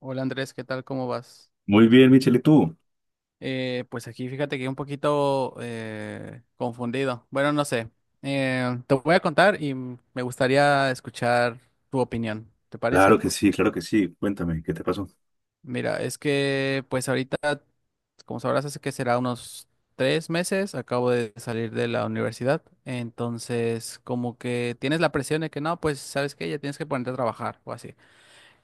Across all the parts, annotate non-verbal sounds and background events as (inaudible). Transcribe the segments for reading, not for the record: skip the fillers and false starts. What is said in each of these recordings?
Hola Andrés, ¿qué tal? ¿Cómo vas? Muy bien, Michelle, ¿y tú? Pues aquí fíjate que un poquito confundido. Bueno, no sé. Te voy a contar y me gustaría escuchar tu opinión. ¿Te Claro parece? que sí, claro que sí. Cuéntame, ¿qué te pasó? Mira, es que pues ahorita, como sabrás, hace que será unos 3 meses, acabo de salir de la universidad. Entonces, como que tienes la presión de que no, pues sabes que ya tienes que ponerte a trabajar o así.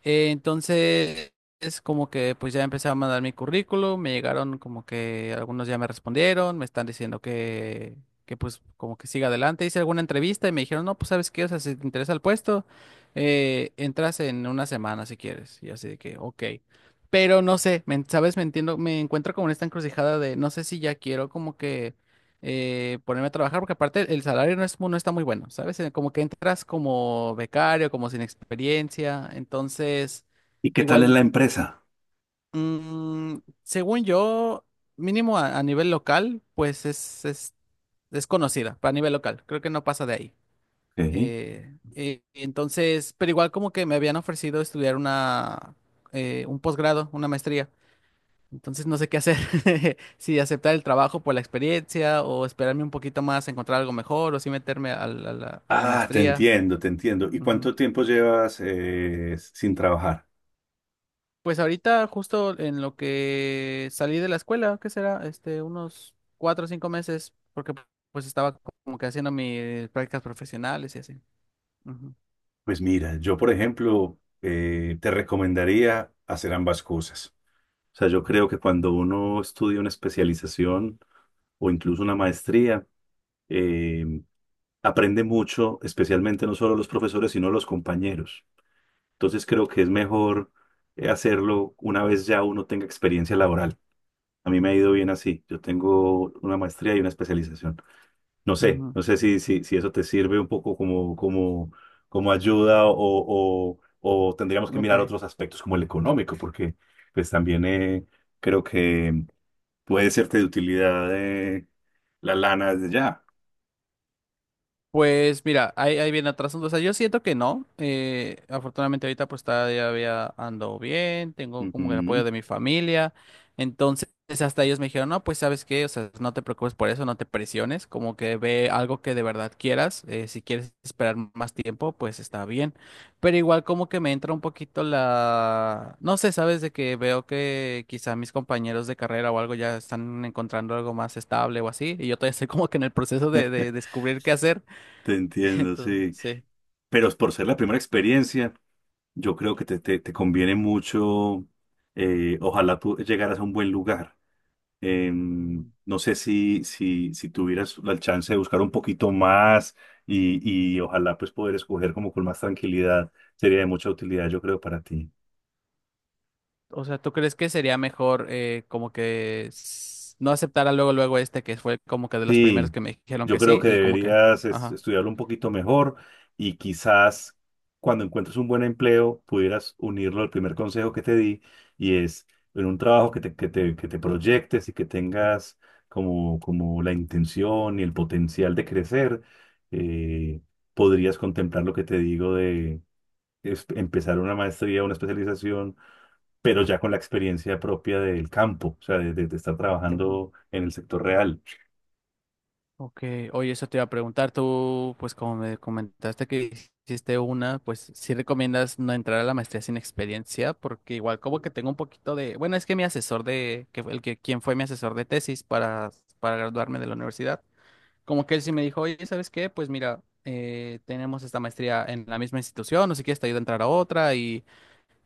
Eh, entonces, es como que pues ya empecé a mandar mi currículum, me llegaron como que algunos ya me respondieron, me están diciendo que pues como que siga adelante. Hice alguna entrevista y me dijeron, no, pues sabes qué, o sea, si te interesa el puesto, entras en una semana si quieres. Y así de que, ok. Pero no sé, sabes, me entiendo, me encuentro como en esta encrucijada de no sé si ya quiero como que ponerme a trabajar, porque aparte el salario no es, no está muy bueno, ¿sabes? Como que entras como becario, como sin experiencia, entonces ¿Y qué tal es igual, la empresa? mm, según yo, mínimo a nivel local, pues es conocida, para nivel local, creo que no pasa de ahí. Ok. Pero igual como que me habían ofrecido estudiar una, un posgrado, una maestría. Entonces no sé qué hacer, (laughs) si aceptar el trabajo por la experiencia o esperarme un poquito más a encontrar algo mejor o si meterme a la, a la Ah, te maestría. entiendo, te entiendo. ¿Y Ujú. cuánto tiempo llevas sin trabajar? Pues ahorita justo en lo que salí de la escuela, ¿qué será? Este, unos 4 o 5 meses, porque pues estaba como que haciendo mis prácticas profesionales y así. Ujú, Pues mira, yo, por ejemplo, te recomendaría hacer ambas cosas. O sea, yo creo que cuando uno estudia una especialización o incluso una maestría, eh, aprende mucho, especialmente no solo los profesores, sino los compañeros. Entonces creo que es mejor hacerlo una vez ya uno tenga experiencia laboral. A mí me ha ido bien así. Yo tengo una maestría y una especialización. No sé, ujú. no sé si eso te sirve un poco como, como, como ayuda o tendríamos que Ok. mirar otros aspectos como el económico, porque pues también creo que puede serte de utilidad la lana desde ya. Pues mira, ahí viene atrás. O sea, yo siento que no. Afortunadamente ahorita pues todavía ando bien, tengo como el apoyo Ujú, de mi familia. Entonces hasta ellos me dijeron, no, pues sabes qué, o sea, no te preocupes por eso, no te presiones, como que ve algo que de verdad quieras. Si quieres esperar más tiempo, pues está bien. Pero igual como que me entra un poquito la... No sé, sabes, de que veo que quizá mis compañeros de carrera o algo ya están encontrando algo más estable o así, y yo todavía estoy como que en el proceso de descubrir qué hacer. te (laughs) entiendo, Entonces, sí. sí. Pero por ser la primera experiencia. Yo creo que te conviene mucho, ojalá tú llegaras a un buen lugar. Mm, No sé si tuvieras la chance de buscar un poquito más y, y ojalá pues poder escoger como con más tranquilidad, sería de mucha utilidad yo creo para ti. o sea, ¿tú crees que sería mejor como que no aceptara luego, luego este que fue como que de los primeros Sí, que me dijeron yo que creo sí que y como que, deberías ajá. estudiarlo un poquito mejor y quizás cuando encuentres un buen empleo pudieras unirlo al primer consejo que te di y es en un trabajo que te proyectes y que tengas como, como la intención y el potencial de crecer, eh, podrías contemplar lo que te digo de empezar una maestría, una especialización, pero ya con la experiencia propia del campo, o sea, de, de estar Ujú. trabajando en el sector real. Ok, oye, eso te iba a preguntar, tú, pues como me comentaste que hiciste una, pues sí recomiendas no entrar a la maestría sin experiencia, porque igual como que tengo un poquito de, bueno, es que mi asesor de, que fue el que, quien fue mi asesor de tesis para graduarme de la universidad, como que él sí me dijo, oye, ¿sabes qué? Pues mira, tenemos esta maestría en la misma institución, no sé quieres te ayuda a entrar a otra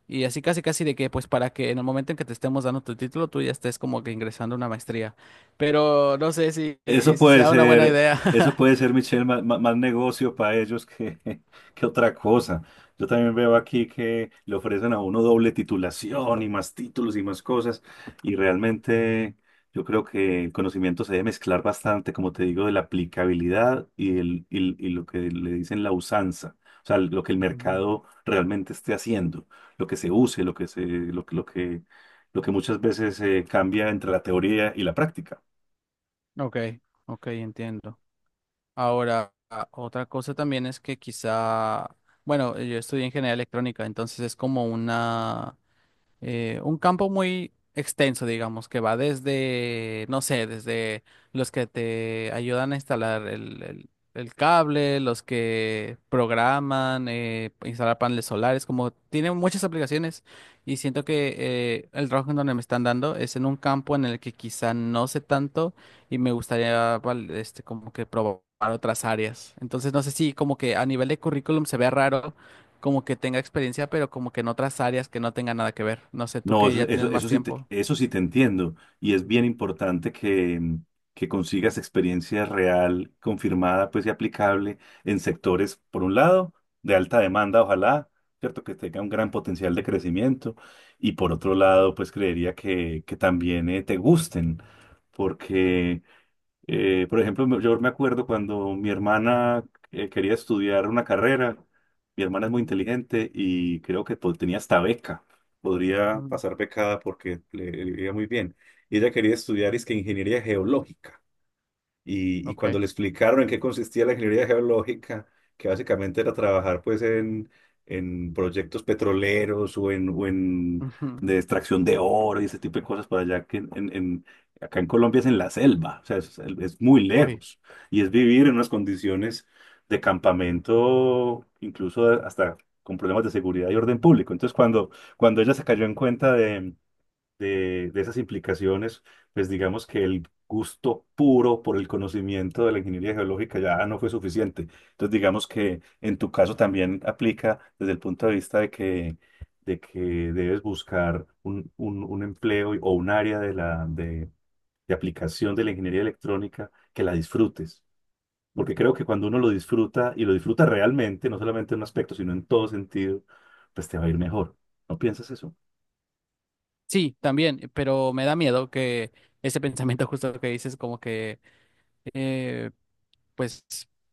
y así casi casi de que pues para que en el momento en que te estemos dando tu título tú ya estés como que ingresando a una maestría. Pero no sé si, Eso si puede sea una buena ser, idea. eso (laughs) puede ser, Michelle, más, más negocio para ellos que, (laughs) que otra cosa. Yo también veo aquí que le ofrecen a uno doble titulación y más títulos y más cosas. Y Ujú, realmente yo creo que el conocimiento se debe mezclar bastante, como te digo, de la aplicabilidad y, el, y lo que le dicen la usanza. O sea, lo que el ujú. mercado realmente esté haciendo, lo que se use, lo que se, lo, que, lo que lo que muchas veces cambia entre la teoría y la práctica. Ok, ok, entiendo. Ahora, otra cosa también es que quizá, bueno, yo estudié ingeniería electrónica, entonces es como una... un campo muy extenso, digamos, que va desde, no sé, desde los que te ayudan a instalar el, el cable, los que programan, instalar paneles solares, como tiene muchas aplicaciones y siento que el trabajo en donde me están dando es en un campo en el que quizá no sé tanto y me gustaría, este, como que probar otras áreas. Entonces, no sé si como que a nivel de currículum se ve raro como que tenga experiencia, pero como que en otras áreas que no tenga nada que ver. No sé, tú No, que eso, ya eso, tienes más tiempo. eso sí te entiendo. Y es bien Ujú, importante que, que consigas experiencia real, confirmada, pues y aplicable en sectores, por un lado, de alta demanda, ojalá, ¿cierto? Que tenga un gran potencial de crecimiento. Y por otro lado, pues creería que también te gusten, porque por ejemplo, yo me acuerdo cuando mi hermana quería estudiar una carrera, mi hermana es muy ujú, inteligente y creo que pues, tenía hasta beca, podría mm, pasar becada porque le iba muy bien. Y ella quería estudiar es que ingeniería geológica. Y Ok. cuando le explicaron en qué consistía la ingeniería geológica, que básicamente era trabajar pues en proyectos petroleros o en Ujú, de extracción de oro y ese tipo de cosas para allá que en, acá en Colombia es en la selva, o sea, es muy Uy. lejos y es vivir en unas condiciones de campamento, incluso hasta con problemas de seguridad y orden público. Entonces, cuando, cuando ella se cayó en cuenta de esas implicaciones, pues digamos que el gusto puro por el conocimiento de la ingeniería geológica ya no fue suficiente. Entonces digamos que en tu caso también aplica desde el punto de vista de que debes buscar un, un empleo o un área de la, de aplicación de la ingeniería electrónica que la disfrutes. Porque creo Ujú. que cuando uno lo disfruta y lo disfruta realmente, no solamente en un aspecto, sino en todo sentido, pues te va a ir mejor. ¿No piensas eso? Sí, también, pero me da miedo que ese (laughs) pensamiento justo que dices, como que eh, pues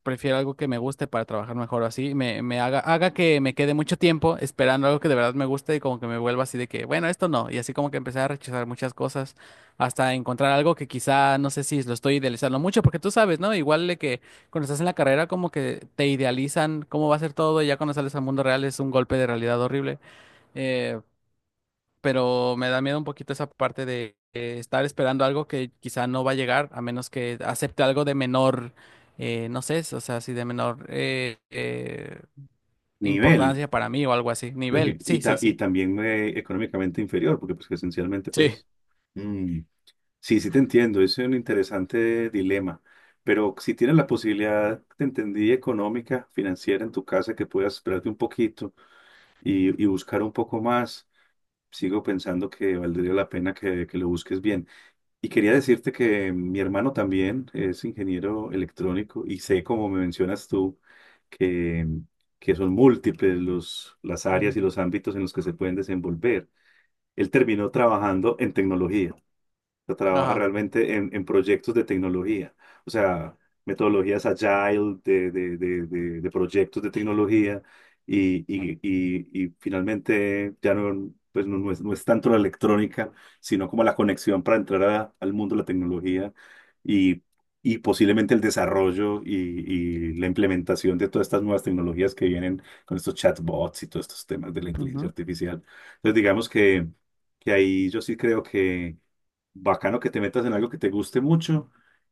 prefiero algo que me guste para trabajar mejor así, me haga, haga que me quede mucho tiempo esperando algo que de verdad me guste y como que me vuelva así de que, bueno, esto no, y así como que empecé a rechazar muchas cosas hasta encontrar algo que quizá, no sé si lo estoy idealizando mucho, porque tú sabes, ¿no? Igual de que cuando estás en la carrera como que te idealizan cómo va a ser todo y ya cuando sales al mundo real es un golpe de realidad horrible. Eh, pero me da miedo un poquito esa parte de estar esperando algo que quizá no va a llegar, a menos que acepte algo de menor, no sé, o sea, si de menor Nivel. importancia para mí o algo así, Ujú. nivel, Y, sí, sí, y sí. también económicamente inferior, porque pues que esencialmente Sí. pues... mm, sí, sí te entiendo, es un interesante dilema, pero si tienes la posibilidad, te entendí, económica, financiera en tu casa, que puedas esperarte un poquito y buscar un poco más, sigo pensando que valdría la pena que lo busques bien. Y quería decirte que mi hermano también es ingeniero electrónico y sé, como me mencionas tú, que, que son múltiples los, las áreas y Ujú. los ámbitos en los que se pueden desenvolver. Él terminó trabajando en tecnología sea, trabaja Ajá. realmente en proyectos de tecnología, o sea, metodologías agile de proyectos de tecnología y finalmente ya no, pues no, no es, no es tanto la electrónica, sino como la conexión para entrar al mundo de la tecnología y, y posiblemente el desarrollo y la implementación de todas estas nuevas tecnologías que vienen con estos chatbots y todos estos temas de la inteligencia Ujú. artificial. Entonces, digamos que ahí yo sí creo que bacano que te metas en algo que te guste mucho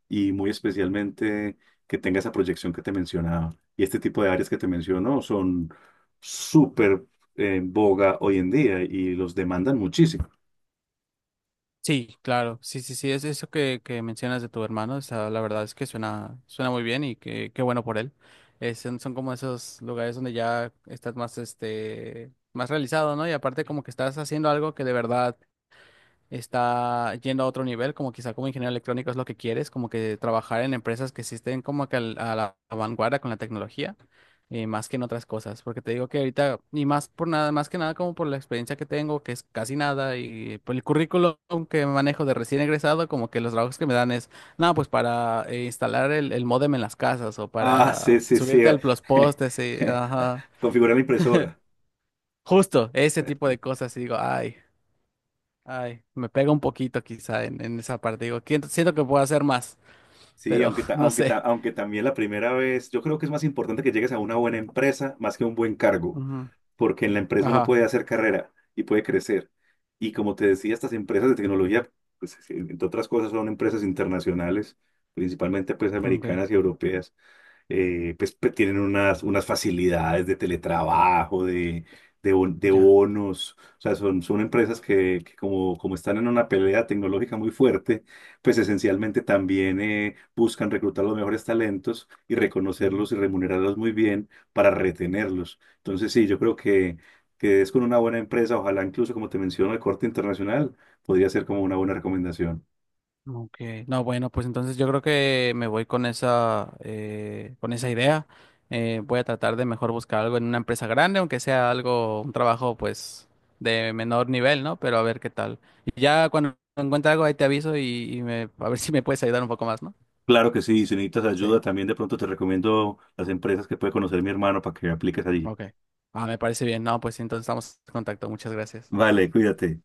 y muy especialmente que tenga esa proyección que te mencionaba. Y este tipo de áreas que te menciono son súper en boga hoy en día y los demandan muchísimo. Sí, claro, sí, sí, sí, es eso que mencionas de tu hermano, o sea, la verdad es que suena, suena muy bien y que, qué bueno por él. Son, son como esos lugares donde ya estás más, este, más realizado, ¿no? Y aparte como que estás haciendo algo que de verdad está yendo a otro nivel, como quizá como ingeniero electrónico es lo que quieres, como que trabajar en empresas que sí estén como que a la vanguardia con la tecnología, más que en otras cosas, porque te digo que ahorita, y más por nada, más que nada como por la experiencia que tengo, que es casi nada, y por el currículum que manejo de recién egresado, como que los trabajos que me dan es, no, pues para instalar el, módem en las casas o Ah, sí, para sí, sí. subirte al los postes, sí, (laughs) ajá. Configurar la impresora. Justo, ese tipo de (laughs) cosas, y digo, ay. Ay, me pega un poquito quizá en esa parte. Digo, Siento que puedo hacer más, Sí, pero aunque, (laughs) no aunque, sé. aunque también la primera vez, yo creo que es más importante que llegues a una buena empresa más que a un buen cargo. Ujú. Porque en la empresa uno Ajá, puede hacer carrera y puede crecer. Y como te decía, estas empresas de tecnología, pues, entre otras cosas, son empresas internacionales, principalmente pues ok, americanas y europeas pues tienen unas, unas facilidades de teletrabajo, de, de ya. bonos, o sea, son, son empresas que como, como están en una pelea tecnológica muy fuerte, pues esencialmente también buscan reclutar los mejores talentos y Mm, reconocerlos y remunerarlos muy bien para retenerlos. Entonces, sí, yo creo que es con una buena empresa, ojalá incluso, como te menciono, el corte internacional, podría ser como una buena recomendación. Ok, no, bueno, pues entonces yo creo que me voy con esa idea. Voy a tratar de mejor buscar algo en una empresa grande, aunque sea algo, un trabajo pues de menor nivel, ¿no? Pero a ver qué tal. Y ya cuando encuentre algo ahí te aviso y, a ver (laughs) si me puedes ayudar un poco más, ¿no? Claro que sí, si necesitas Sí, ayuda, también de pronto te recomiendo las empresas que puede conocer mi hermano para que apliques allí. ok. Ah, me parece bien. No, pues entonces estamos en contacto. Muchas gracias. Vale, cuídate.